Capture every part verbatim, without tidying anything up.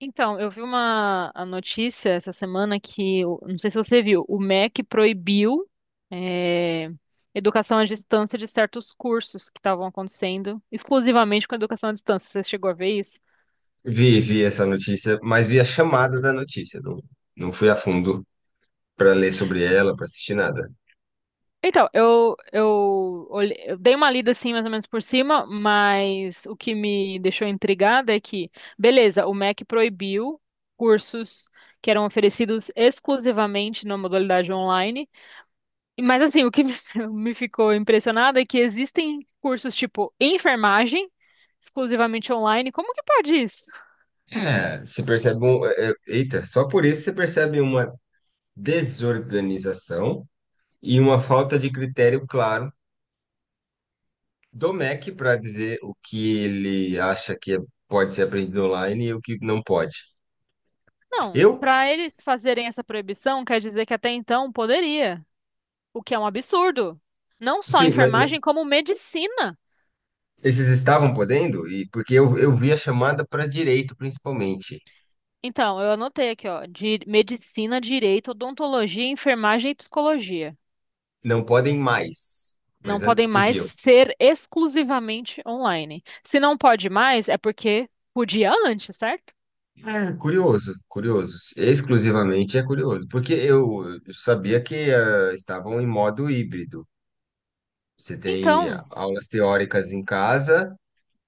Então, eu vi uma a notícia essa semana que, o- não sei se você viu, o MEC proibiu eh, educação à distância de certos cursos que estavam acontecendo exclusivamente com educação à distância. Você chegou a ver isso? Vi, vi essa notícia, mas vi a chamada da notícia, não, não fui a fundo para ler sobre ela, para assistir nada. Então, eu, eu, olhe- eu dei uma lida assim, mais ou menos por cima, mas o que me deixou intrigada é que, beleza, o MEC proibiu cursos que eram oferecidos exclusivamente na modalidade online. Mas assim, o que me me ficou impressionado é que existem cursos tipo enfermagem, exclusivamente online. Como que pode isso? É, você percebe um, é, é, eita, só por isso você percebe uma desorganização e uma falta de critério claro do M E C para dizer o que ele acha que é- pode ser aprendido online e o que não pode. Não, Eu, para eles fazerem essa proibição, quer dizer que até então poderia, o que é um absurdo. Não só sim, mas, mas enfermagem, como medicina. esses estavam podendo e porque eu, eu vi a chamada para direito principalmente. Então, eu anotei aqui, ó, de medicina, direito, odontologia, enfermagem e psicologia. Não podem mais, Não mas podem antes podiam. mais ser exclusivamente online. Se não pode mais, é porque podia antes, certo? É, curioso, curioso. Exclusivamente é curioso, porque eu sabia que eh, estavam em modo híbrido. Você tem Então, aulas teóricas em casa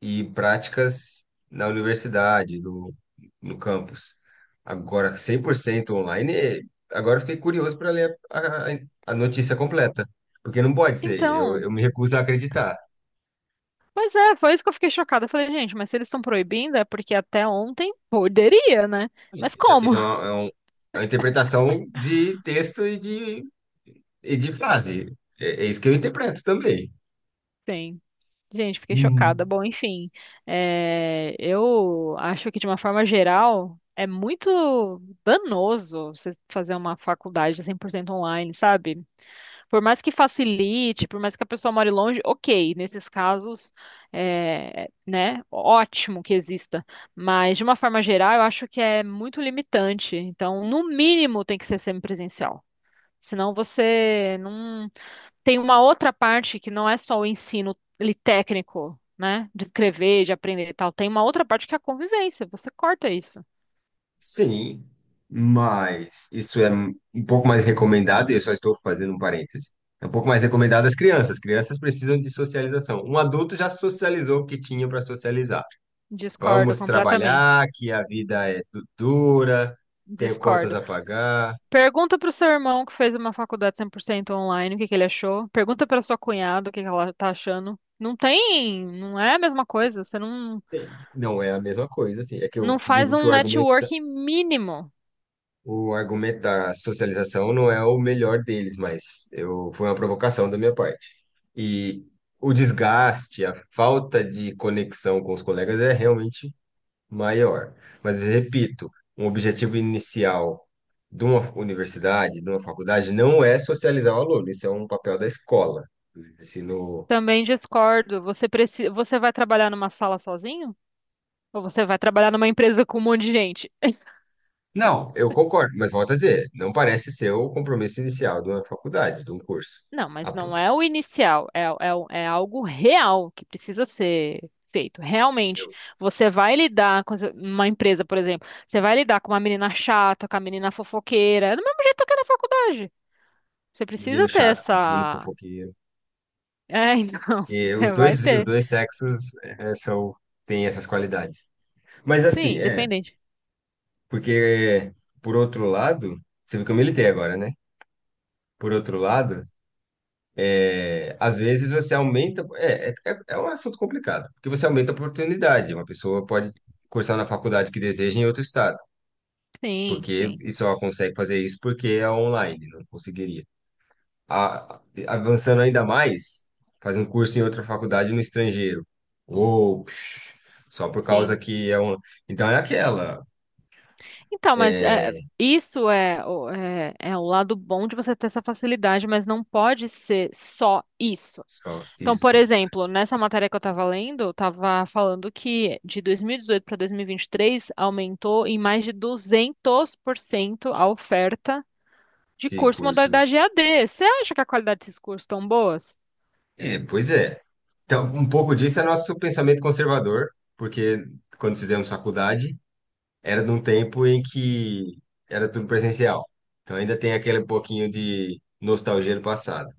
e práticas na universidade, no, no campus. Agora, cem por cento online, eh, agora eu fiquei curioso para ler a, a- a notícia completa, porque não pode ser, eu, então, eu me recuso a acreditar. Pois é, foi isso que eu fiquei chocada. Eu falei, gente, mas se eles estão proibindo é porque até ontem poderia, né? Mas como? Isso é uma, é um- é uma interpretação de texto e de E de frase. É, é isso que eu interpreto também. Sim. Gente, fiquei chocada. Hum. Bom, enfim, é, eu acho que de uma forma geral é muito danoso você fazer uma faculdade cem por cento online, sabe? Por mais que facilite, por mais que a pessoa more longe, ok, nesses casos, é, né, ótimo que exista. Mas, de uma forma geral, eu acho que é muito limitante. Então, no mínimo, tem que ser semipresencial. Senão você não. Tem uma outra parte que não é só o ensino ali técnico, né, de escrever, de aprender e tal. Tem uma outra parte que é a convivência. Você corta isso. Sim, mas isso é um pouco mais recomendado, e eu só estou fazendo um parênteses. É um pouco mais recomendado às crianças. Crianças precisam de socialização. Um adulto já socializou o que tinha para socializar. Discordo Vamos completamente. trabalhar, que a vida é du- dura, tenho contas Discordo. a pagar. Pergunta pro seu irmão que fez uma faculdade cem por cento online, o que que ele achou. Pergunta pra sua cunhada o que que ela tá achando. Não tem, não é a mesma coisa. Você não, Sim. Não é a mesma coisa, assim. É que não eu faz digo que um o argumento networking mínimo. O argumento da socialização não é o melhor deles, mas eu foi uma provocação da minha parte. E o desgaste, a falta de conexão com os colegas é realmente maior. Mas repito, um objetivo inicial de uma universidade, de uma faculdade, não é socializar o aluno. Isso é um papel da escola, do ensino. Também discordo. Você precisa, você vai trabalhar numa sala sozinho? Ou você vai trabalhar numa empresa com um monte de gente? Não, eu concordo, mas volto a dizer, não parece ser o compromisso inicial de uma faculdade, de um curso. Não, Ah, mas pô, não é o inicial, é, é, é algo real que precisa ser feito. Realmente, eu, você vai lidar com essa- uma empresa, por exemplo, você vai lidar com uma menina chata, com a menina fofoqueira, é do mesmo jeito que é na faculdade. Você menino precisa ter chato com menino essa. fofoqueiro. É, então, E você os vai dois, os ter. dois sexos eh, são, têm essas qualidades. Mas assim, Sim, é, independente. porque por outro lado, você viu que eu militei agora, né? Por outro lado, eh, às vezes você aumenta, é, é, é é um assunto complicado, porque você aumenta a oportunidade. Uma pessoa pode cursar na faculdade que deseja em outro estado, Sim, porque sim, e só consegue fazer isso porque é online, não conseguiria. a- avançando ainda mais, fazer um curso em outra faculdade no estrangeiro. Ou psh, só por causa sim. que é um. Então é aquela. Então, mas é, isso é, o- é, é o lado bom de você ter essa facilidade, mas não pode ser só isso. Só Então, por isso. exemplo, nessa matéria que eu estava lendo, estava falando que de dois mil e dezoito para dois mil e vinte e três aumentou em mais de duzentos por cento a oferta de Que curso modalidade cursos. E A D. Você acha que a qualidade desses cursos tão boas? É, pois é. Então, um pouco disso é nosso pensamento conservador, porque quando fizemos faculdade, era num tempo em que era tudo presencial. Então ainda tem aquele pouquinho de nostalgia do passado.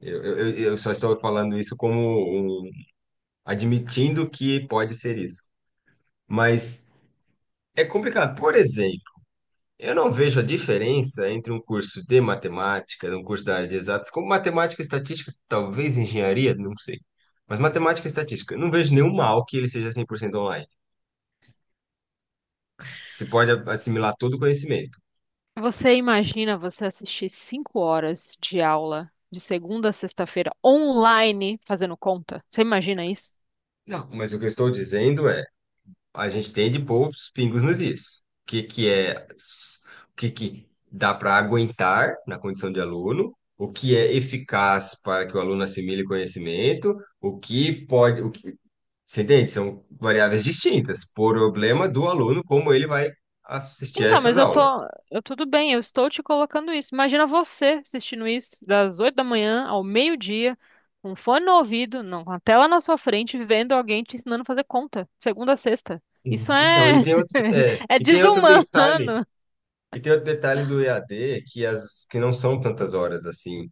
Eu, eu, eu eu só estou falando isso como um, admitindo que pode ser isso. Mas é complicado. Por exemplo, eu não vejo a diferença entre um curso de matemática, um curso da área de exatas, como matemática e estatística, talvez engenharia, não sei. Mas matemática e estatística, eu não vejo nenhum mal que ele seja cem por cento online. Você pode a- assimilar todo o conhecimento. Você imagina você assistir cinco horas de aula de segunda a sexta-feira online fazendo conta? Você imagina. Não, mas o que eu estou dizendo é, a gente tem de pôr os pingos nos is. O que que é, s- o que que dá para aguentar na condição de aluno, o que é eficaz para que o aluno assimile conhecimento, o que pode, o que, você entende? São variáveis distintas. Problema do aluno, como ele vai assistir a Então, essas mas eu tô, aulas. eu tudo bem, eu estou te colocando isso. Imagina você assistindo isso das oito da manhã ao meio-dia, com um fone no ouvido, não, com a tela na sua frente, vendo alguém te ensinando a fazer conta, segunda a sexta. Isso E- Então, e é tem outro, é, é e tem outro detalhe, desumano. e tem outro detalhe do E A D que as que não são tantas horas assim.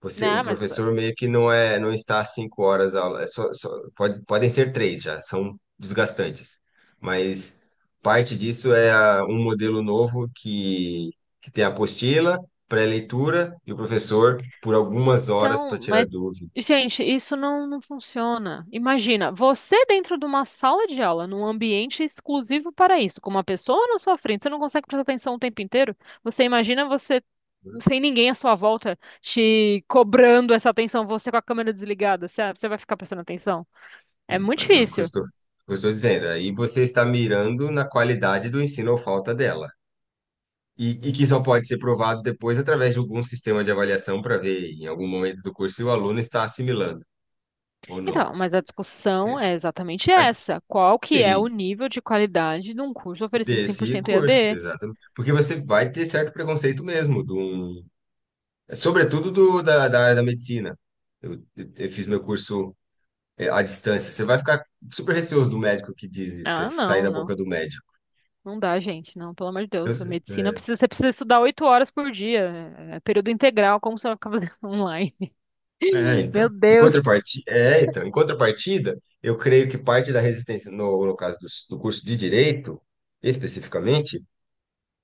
Você, o Não, mas. professor meio que não é, não está às cinco horas a aula. É só, só, pode, podem ser três já, são desgastantes. Mas parte disso é a- um modelo novo que que tem a apostila, pré-leitura e o professor por algumas horas para Então, tirar mas, dúvidas. gente, isso não, não funciona. Imagina, você dentro de uma sala de aula, num ambiente exclusivo para isso, com uma pessoa na sua frente, você não consegue prestar atenção o tempo inteiro? Você imagina você sem ninguém à sua volta te cobrando essa atenção, você com a câmera desligada, você, você vai ficar prestando atenção? É Hum, muito Mas é o que eu difícil. estou, eu estou dizendo. Aí você está mirando na qualidade do ensino ou falta dela. E, e que só pode ser provado depois através de algum sistema de avaliação para ver em algum momento do curso se o aluno está assimilando ou Então, não. mas a discussão É, é exatamente a- essa. Qual que é o sim, nível de qualidade de um curso oferecido desse cem por cento curso, E A D? exato. Porque você vai ter certo preconceito mesmo, de um- sobretudo do, da, da área da medicina. Eu, eu- eu fiz meu curso é, à distância. Você vai ficar super receoso do médico que diz isso, se Ah, sair não, da boca não. do médico. Não dá, gente, não, pelo amor de Eu, Deus. A medicina é, precisa, você precisa estudar oito horas por dia, é é período integral, como você vai ficar fazendo online? É, Meu então. Em Deus. contrapartida, é, então, em contrapartida, eu creio que parte da resistência, no, no caso do, do curso de direito, especificamente,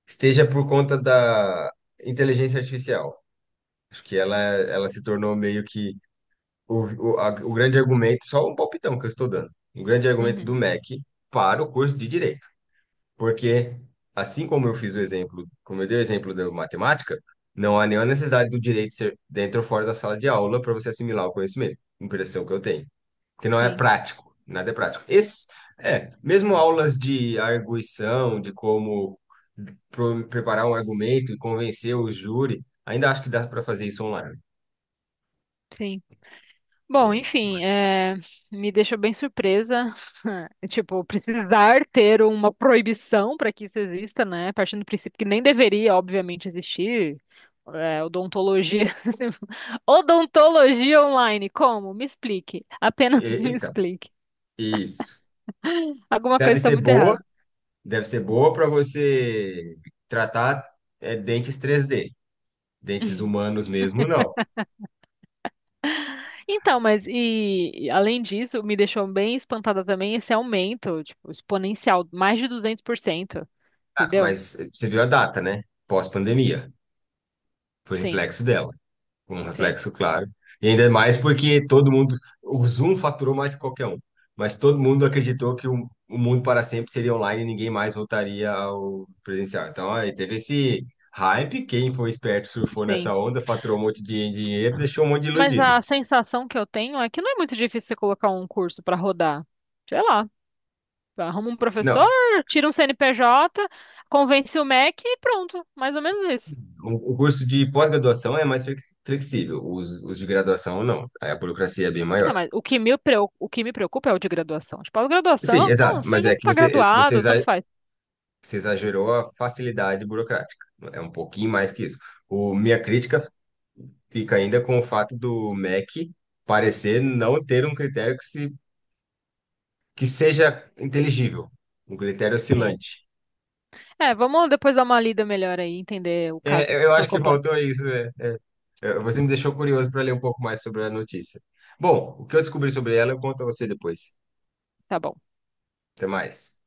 esteja por conta da inteligência artificial. Acho que ela, ela se tornou meio que o, o, a- o grande argumento, só um palpitão que eu estou dando, um grande argumento do Uhum, M E C para o curso de direito. Porque, assim como eu fiz o exemplo, como eu dei o exemplo da matemática, não há nenhuma necessidade do direito ser dentro ou fora da sala de aula para você assimilar o conhecimento. Impressão que eu tenho. Porque não é sim, prático, nada é prático. Esse, é, mesmo aulas de arguição, de como pro- preparar um argumento e convencer o júri, ainda acho que dá para fazer isso online. sim. Bom, É, enfim, mas, é, me deixou bem surpresa, tipo, precisar ter uma proibição para que isso exista, né? Partindo do princípio que nem deveria, obviamente, existir. É, odontologia. Odontologia online, como? Me explique. Apenas e- me então, explique. isso. Alguma coisa Deve está ser muito errada. boa, deve ser boa para você tratar é, dentes três d. Dentes humanos mesmo, não. Então, mas e e além disso, me deixou bem espantada também esse aumento, tipo, exponencial, mais de duzentos por cento, Ah, entendeu? mas você viu a data, né? Pós-pandemia. Foi Sim, reflexo dela. Um sim, reflexo claro. E ainda mais porque todo mundo. O Zoom faturou mais que qualquer um. Mas todo mundo acreditou que o, o mundo para sempre seria online e ninguém mais voltaria ao presencial. Então, aí teve esse hype. Quem foi esperto surfou sim. nessa onda, faturou um monte de dinheiro, deixou um monte de Mas iludido. a sensação que eu tenho é que não é muito difícil você colocar um curso para rodar. Sei lá, arruma um professor, Não, tira um C N P J, convence o MEC e pronto, mais ou menos isso. o o curso de pós-graduação é mais flex- flexível, os, os de graduação não. Aí a burocracia é bem Então, maior. mas o que me preo- o que me preocupa é o de graduação. Tipo, a Sim, graduação, exato. você Mas já é que está você, você graduado, exa- tanto faz. você exagerou a facilidade burocrática. É um pouquinho mais que isso. O, minha crítica fica ainda com o fato do M E C parecer não ter um critério que, se, que seja inteligível, um critério Sim. oscilante. É, vamos depois dar uma lida melhor aí, entender o É, caso eu eu por acho que completo. faltou isso. É. É, você me deixou curioso para ler um pouco mais sobre a notícia. Bom, o que eu descobri sobre ela, eu conto a você depois. Tá bom. Até mais.